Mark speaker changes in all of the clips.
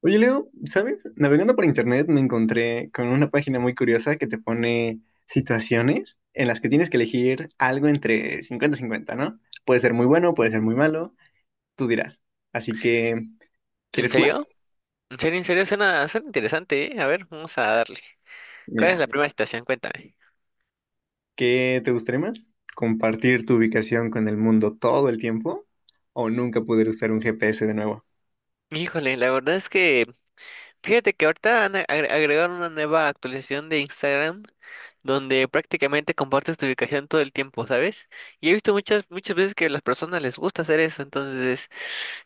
Speaker 1: Oye, Leo, ¿sabes? Navegando por internet me encontré con una página muy curiosa que te pone situaciones en las que tienes que elegir algo entre 50 cincuenta, ¿no? Puede ser muy bueno, puede ser muy malo, tú dirás. Así que,
Speaker 2: ¿En
Speaker 1: ¿quieres jugar?
Speaker 2: serio? ¿En serio? ¿En serio? Suena interesante, ¿eh? A ver, vamos a darle. ¿Cuál es
Speaker 1: Mira,
Speaker 2: la primera situación? Cuéntame.
Speaker 1: ¿qué te gustaría más? ¿Compartir tu ubicación con el mundo todo el tiempo o nunca poder usar un GPS de nuevo?
Speaker 2: Híjole, la verdad es que fíjate que ahorita agregaron una nueva actualización de Instagram donde prácticamente compartes tu ubicación todo el tiempo, ¿sabes? Y he visto muchas veces que a las personas les gusta hacer eso, entonces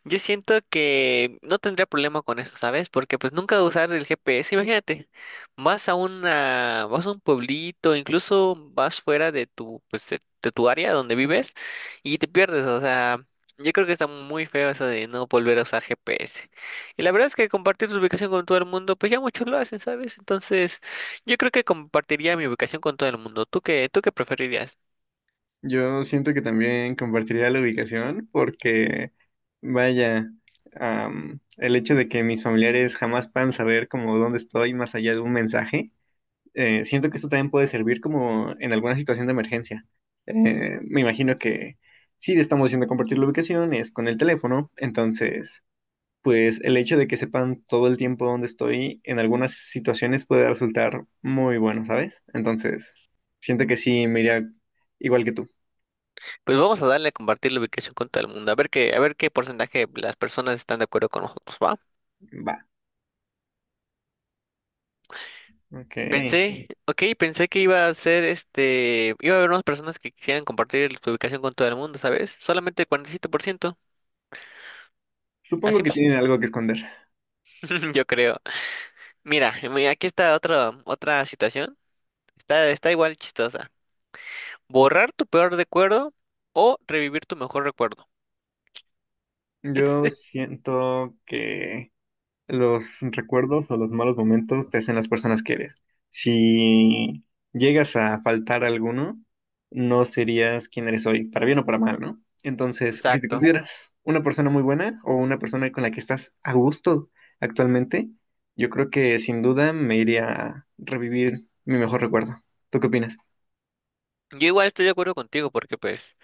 Speaker 2: yo siento que no tendría problema con eso, ¿sabes? Porque pues nunca usar el GPS, imagínate, vas a un pueblito, incluso vas fuera de tu, pues de tu área donde vives y te pierdes, o sea, yo creo que está muy feo eso de no volver a usar GPS. Y la verdad es que compartir tu ubicación con todo el mundo, pues ya muchos lo hacen, ¿sabes? Entonces, yo creo que compartiría mi ubicación con todo el mundo. ¿Tú qué preferirías?
Speaker 1: Yo siento que también compartiría la ubicación porque, vaya, el hecho de que mis familiares jamás puedan saber como dónde estoy más allá de un mensaje, siento que esto también puede servir como en alguna situación de emergencia. Me imagino que si estamos haciendo compartir la ubicación es con el teléfono, entonces, pues el hecho de que sepan todo el tiempo dónde estoy en algunas situaciones puede resultar muy bueno, ¿sabes? Entonces, siento que sí me iría igual que tú.
Speaker 2: Pues vamos a darle a compartir la ubicación con todo el mundo, a ver qué porcentaje de las personas están de acuerdo con nosotros, ¿va?
Speaker 1: Va. Ok.
Speaker 2: Pensé, ok, pensé que iba a ser iba a haber unas personas que quisieran compartir su ubicación con todo el mundo, ¿sabes? Solamente el 47%,
Speaker 1: Supongo
Speaker 2: así,
Speaker 1: que tienen algo que esconder.
Speaker 2: yo creo. Mira, aquí está otra, otra situación, está igual chistosa. Borrar tu peor recuerdo o revivir tu mejor recuerdo. Este-
Speaker 1: Yo
Speaker 2: este-
Speaker 1: siento que los recuerdos o los malos momentos te hacen las personas que eres. Si llegas a faltar alguno, no serías quien eres hoy, para bien o para mal, ¿no? Entonces, si te
Speaker 2: Exacto.
Speaker 1: consideras una persona muy buena o una persona con la que estás a gusto actualmente, yo creo que sin duda me iría a revivir mi mejor recuerdo. ¿Tú qué opinas?
Speaker 2: Yo igual estoy de acuerdo contigo porque pues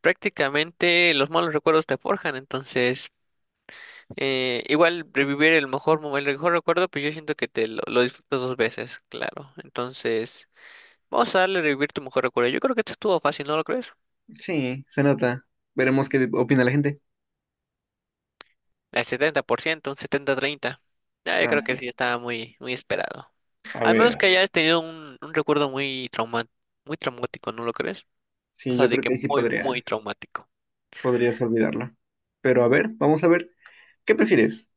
Speaker 2: prácticamente los malos recuerdos te forjan, entonces igual revivir el el mejor recuerdo, pues yo siento que te lo disfrutas dos veces, claro. Entonces, vamos a darle revivir tu mejor recuerdo. Yo creo que esto estuvo fácil, ¿no lo crees?
Speaker 1: Sí, se nota. Veremos qué opina la gente.
Speaker 2: Al 70% un setenta treinta. Ah, yo
Speaker 1: Ah,
Speaker 2: creo que
Speaker 1: sí.
Speaker 2: sí estaba muy esperado.
Speaker 1: A
Speaker 2: Al menos
Speaker 1: ver,
Speaker 2: que hayas tenido un recuerdo muy traumático, ¿no lo crees? O
Speaker 1: sí,
Speaker 2: sea,
Speaker 1: yo
Speaker 2: de
Speaker 1: creo
Speaker 2: que
Speaker 1: que ahí sí
Speaker 2: muy
Speaker 1: podría,
Speaker 2: traumático.
Speaker 1: podrías olvidarla. Pero a ver, vamos a ver, ¿qué prefieres?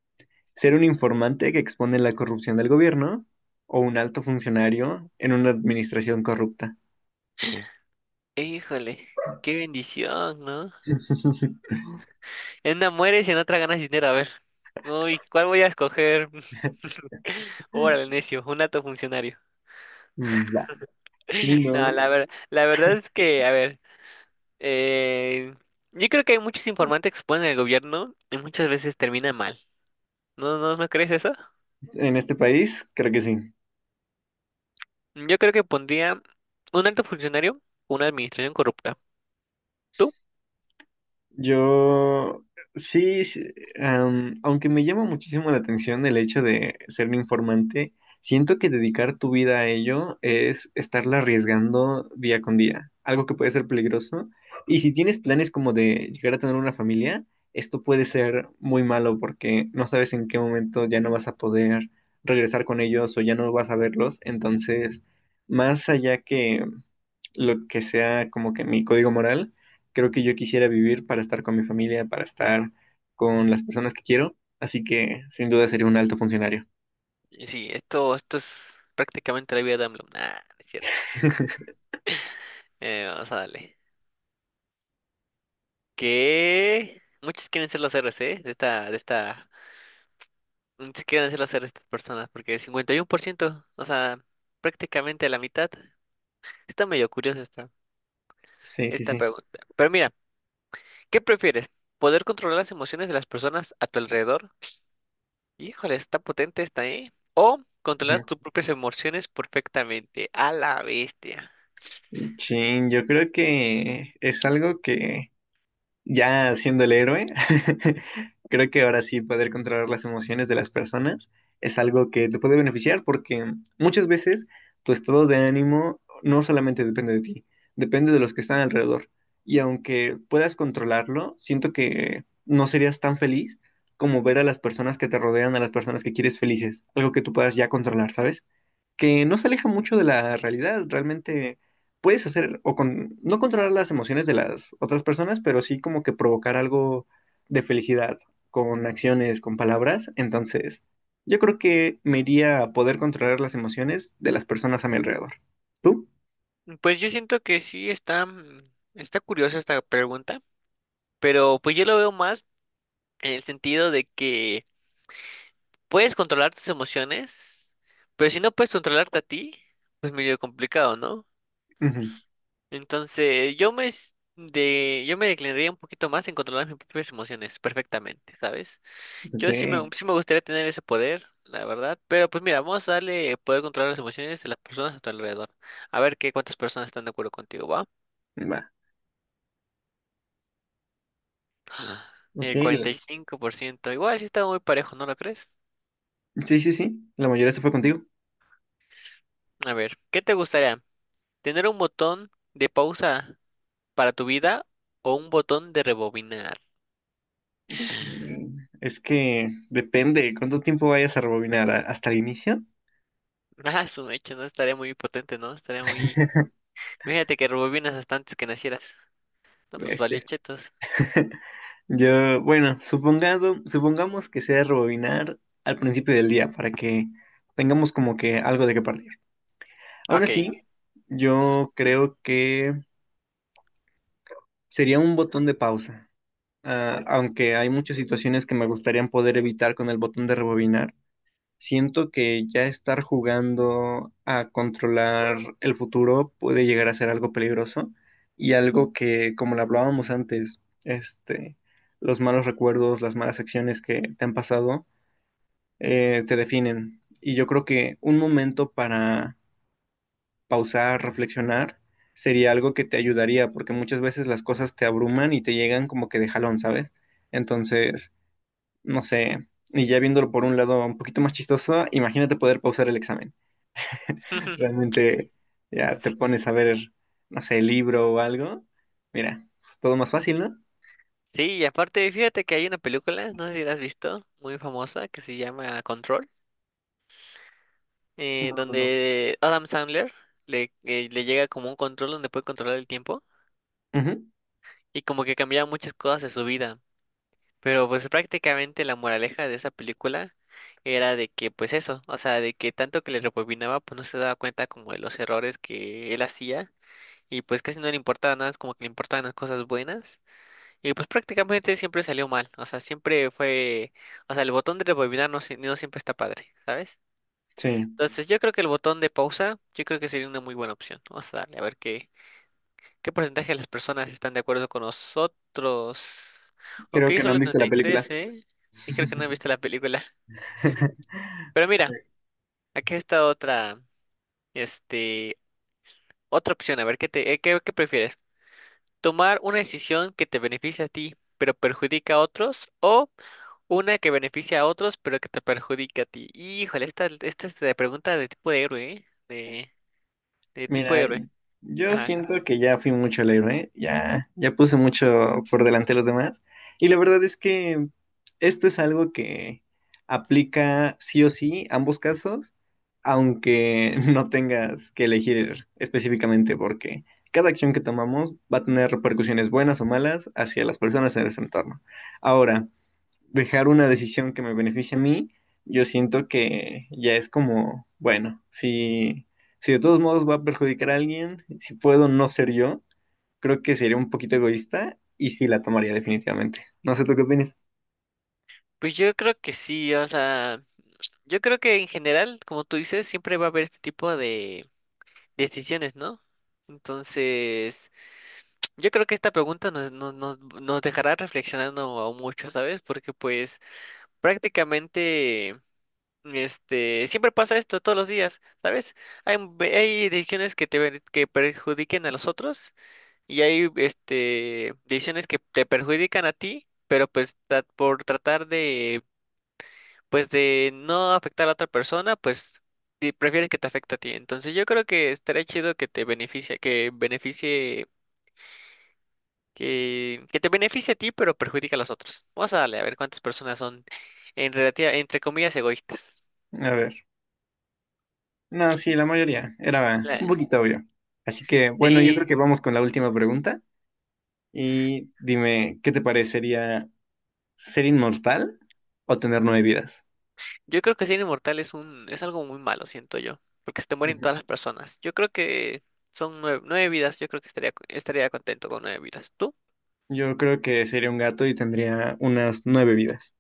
Speaker 1: ¿Ser un informante que expone la corrupción del gobierno o un alto funcionario en una administración corrupta?
Speaker 2: Híjole, qué bendición, ¿no? En una mueres y en otra ganas dinero. A ver. Uy, ¿cuál voy a escoger? Órale, necio, un alto funcionario.
Speaker 1: Va. Sí,
Speaker 2: No,
Speaker 1: ¿no?
Speaker 2: la verdad es que, a ver, eh, yo creo que hay muchos informantes que se ponen en el gobierno y muchas veces termina mal. ¿No crees eso?
Speaker 1: En este país, creo que sí.
Speaker 2: Yo creo que pondría un alto funcionario, una administración corrupta. ¿Tú?
Speaker 1: Yo, sí, sí, aunque me llama muchísimo la atención el hecho de ser un informante, siento que dedicar tu vida a ello es estarla arriesgando día con día, algo que puede ser peligroso. Y si tienes planes como de llegar a tener una familia, esto puede ser muy malo porque no sabes en qué momento ya no vas a poder regresar con ellos o ya no vas a verlos. Entonces, más allá que lo que sea como que mi código moral, creo que yo quisiera vivir para estar con mi familia, para estar con las personas que quiero, así que sin duda sería un alto funcionario.
Speaker 2: Y sí, esto es prácticamente la vida de AMLO. Nah, no es cierto. Vamos a darle. Que muchos quieren ser los héroes, ¿eh? De esta ¿Qué quieren hacer estas personas? Porque 51%, o sea, prácticamente la mitad. Está medio curiosa
Speaker 1: Sí, sí,
Speaker 2: esta
Speaker 1: sí.
Speaker 2: pregunta. Pero mira, ¿qué prefieres? ¿Poder controlar las emociones de las personas a tu alrededor? Híjole, está potente esta, ¿eh? ¿O controlar tus propias emociones perfectamente? A la bestia.
Speaker 1: Ujú. Chin, yo creo que es algo que ya siendo el héroe, creo que ahora sí poder controlar las emociones de las personas es algo que te puede beneficiar porque muchas veces tu estado de ánimo no solamente depende de ti, depende de los que están alrededor. Y aunque puedas controlarlo, siento que no serías tan feliz como ver a las personas que te rodean, a las personas que quieres felices, algo que tú puedas ya controlar, ¿sabes? Que no se aleja mucho de la realidad. Realmente puedes hacer o con, no controlar las emociones de las otras personas, pero sí como que provocar algo de felicidad con acciones, con palabras. Entonces, yo creo que me iría a poder controlar las emociones de las personas a mi alrededor. ¿Tú?
Speaker 2: Pues yo siento que sí está, está curiosa esta pregunta, pero pues yo lo veo más en el sentido de que puedes controlar tus emociones, pero si no puedes controlarte a ti, pues medio complicado, ¿no?
Speaker 1: Ujú.
Speaker 2: Entonces, yo me declinaría un poquito más en controlar mis propias emociones perfectamente, ¿sabes? Yo
Speaker 1: Ok.
Speaker 2: sí me gustaría tener ese poder, la verdad, pero pues mira, vamos a darle poder controlar las emociones de las personas a tu alrededor. A ver qué cuántas personas están de acuerdo contigo, ¿va?
Speaker 1: Va. Ok.
Speaker 2: El cuarenta y cinco por ciento. Igual sí está muy parejo, ¿no lo crees?
Speaker 1: Sí, sí, sí. La mayoría se fue contigo.
Speaker 2: A ver, ¿qué te gustaría? ¿Tener un botón de pausa para tu vida o un botón de rebobinar?
Speaker 1: Chin. Es que depende cuánto tiempo vayas a rebobinar hasta el inicio.
Speaker 2: Ah, su mecha, no estaría muy potente, ¿no? Estaría muy... Fíjate que rebobinas hasta antes que nacieras. No, pues valió
Speaker 1: Este.
Speaker 2: chetos.
Speaker 1: Yo, bueno, supongamos que sea rebobinar al principio del día para que tengamos como que algo de qué partir. Aún
Speaker 2: Ok.
Speaker 1: así,
Speaker 2: Ujú.
Speaker 1: yo creo que sería un botón de pausa. Ah, aunque hay muchas situaciones que me gustaría poder evitar con el botón de rebobinar, siento que ya estar jugando a controlar el futuro puede llegar a ser algo peligroso y algo que, como lo hablábamos antes, los malos recuerdos, las malas acciones que te han pasado, te definen. Y yo creo que un momento para pausar, reflexionar, sería algo que te ayudaría, porque muchas veces las cosas te abruman y te llegan como que de jalón, ¿sabes? Entonces, no sé, y ya viéndolo por un lado un poquito más chistoso, imagínate poder pausar el examen. Realmente ya te
Speaker 2: Sí.
Speaker 1: pones a ver, no sé, libro o algo, mira, es todo más fácil, ¿no?
Speaker 2: Sí, y aparte, fíjate que hay una película, no sé si la has visto, muy famosa, que se llama Control,
Speaker 1: No, no, no.
Speaker 2: donde Adam Sandler le llega como un control donde puede controlar el tiempo
Speaker 1: Ujú.
Speaker 2: y como que cambia muchas cosas de su vida. Pero pues prácticamente la moraleja de esa película era de que pues eso, o sea, de que tanto que le rebobinaba pues no se daba cuenta como de los errores que él hacía y pues casi no le importaba nada, es como que le importaban las cosas buenas y pues prácticamente siempre salió mal, o sea, siempre fue, o sea, el botón de rebobinar no siempre está padre, ¿sabes?
Speaker 1: Sí,
Speaker 2: Entonces yo creo que el botón de pausa, yo creo que sería una muy buena opción, vamos a darle a ver qué. ¿Qué porcentaje de las personas están de acuerdo con nosotros? Ok,
Speaker 1: creo que no han
Speaker 2: solo
Speaker 1: visto la película.
Speaker 2: 33, ¿eh? Sí, creo que no he visto la película. Pero mira, aquí está otra, este, otra opción. A ver, ¿qué qué prefieres? ¿Tomar una decisión que te beneficie a ti, pero perjudica a otros? ¿O una que beneficia a otros, pero que te perjudica a ti? Híjole, esta es de pregunta de tipo de héroe, ¿eh? De tipo de
Speaker 1: Mira,
Speaker 2: héroe.
Speaker 1: yo
Speaker 2: Ajá.
Speaker 1: siento que ya fui mucho al héroe, ya, ya puse mucho por delante de los demás. Y la verdad es que esto es algo que aplica sí o sí ambos casos, aunque no tengas que elegir específicamente, porque cada acción que tomamos va a tener repercusiones buenas o malas hacia las personas en nuestro entorno. Ahora, dejar una decisión que me beneficie a mí, yo siento que ya es como, bueno, si, de todos modos va a perjudicar a alguien, si puedo no ser yo, creo que sería un poquito egoísta y sí la tomaría definitivamente. No sé tú qué opinas.
Speaker 2: Pues yo creo que sí, o sea... Yo creo que en general, como tú dices, siempre va a haber este tipo de decisiones, ¿no? Entonces, yo creo que esta pregunta nos dejará reflexionando mucho, ¿sabes? Porque pues prácticamente, siempre pasa esto todos los días, ¿sabes? Hay decisiones que que perjudiquen a los otros y hay, decisiones que te perjudican a ti, pero por tratar pues de no afectar a otra persona, pues si prefieres que te afecte a ti. Entonces yo creo que estaría chido que beneficie, que te beneficie a ti, pero perjudica a los otros. Vamos a darle a ver cuántas personas son en relativa, entre comillas, egoístas.
Speaker 1: A ver. No, sí, la mayoría. Era un
Speaker 2: La-
Speaker 1: poquito obvio. Así que, bueno, yo creo
Speaker 2: sí,
Speaker 1: que vamos con la última pregunta. Y dime, ¿qué te parecería ser inmortal o tener nueve vidas?
Speaker 2: yo creo que ser inmortal es un, es algo muy malo, siento yo, porque se te mueren
Speaker 1: Ujú.
Speaker 2: todas las personas. Yo creo que son nueve vidas, yo creo que estaría contento con nueve vidas. ¿Tú?
Speaker 1: Yo creo que sería un gato y tendría unas nueve vidas.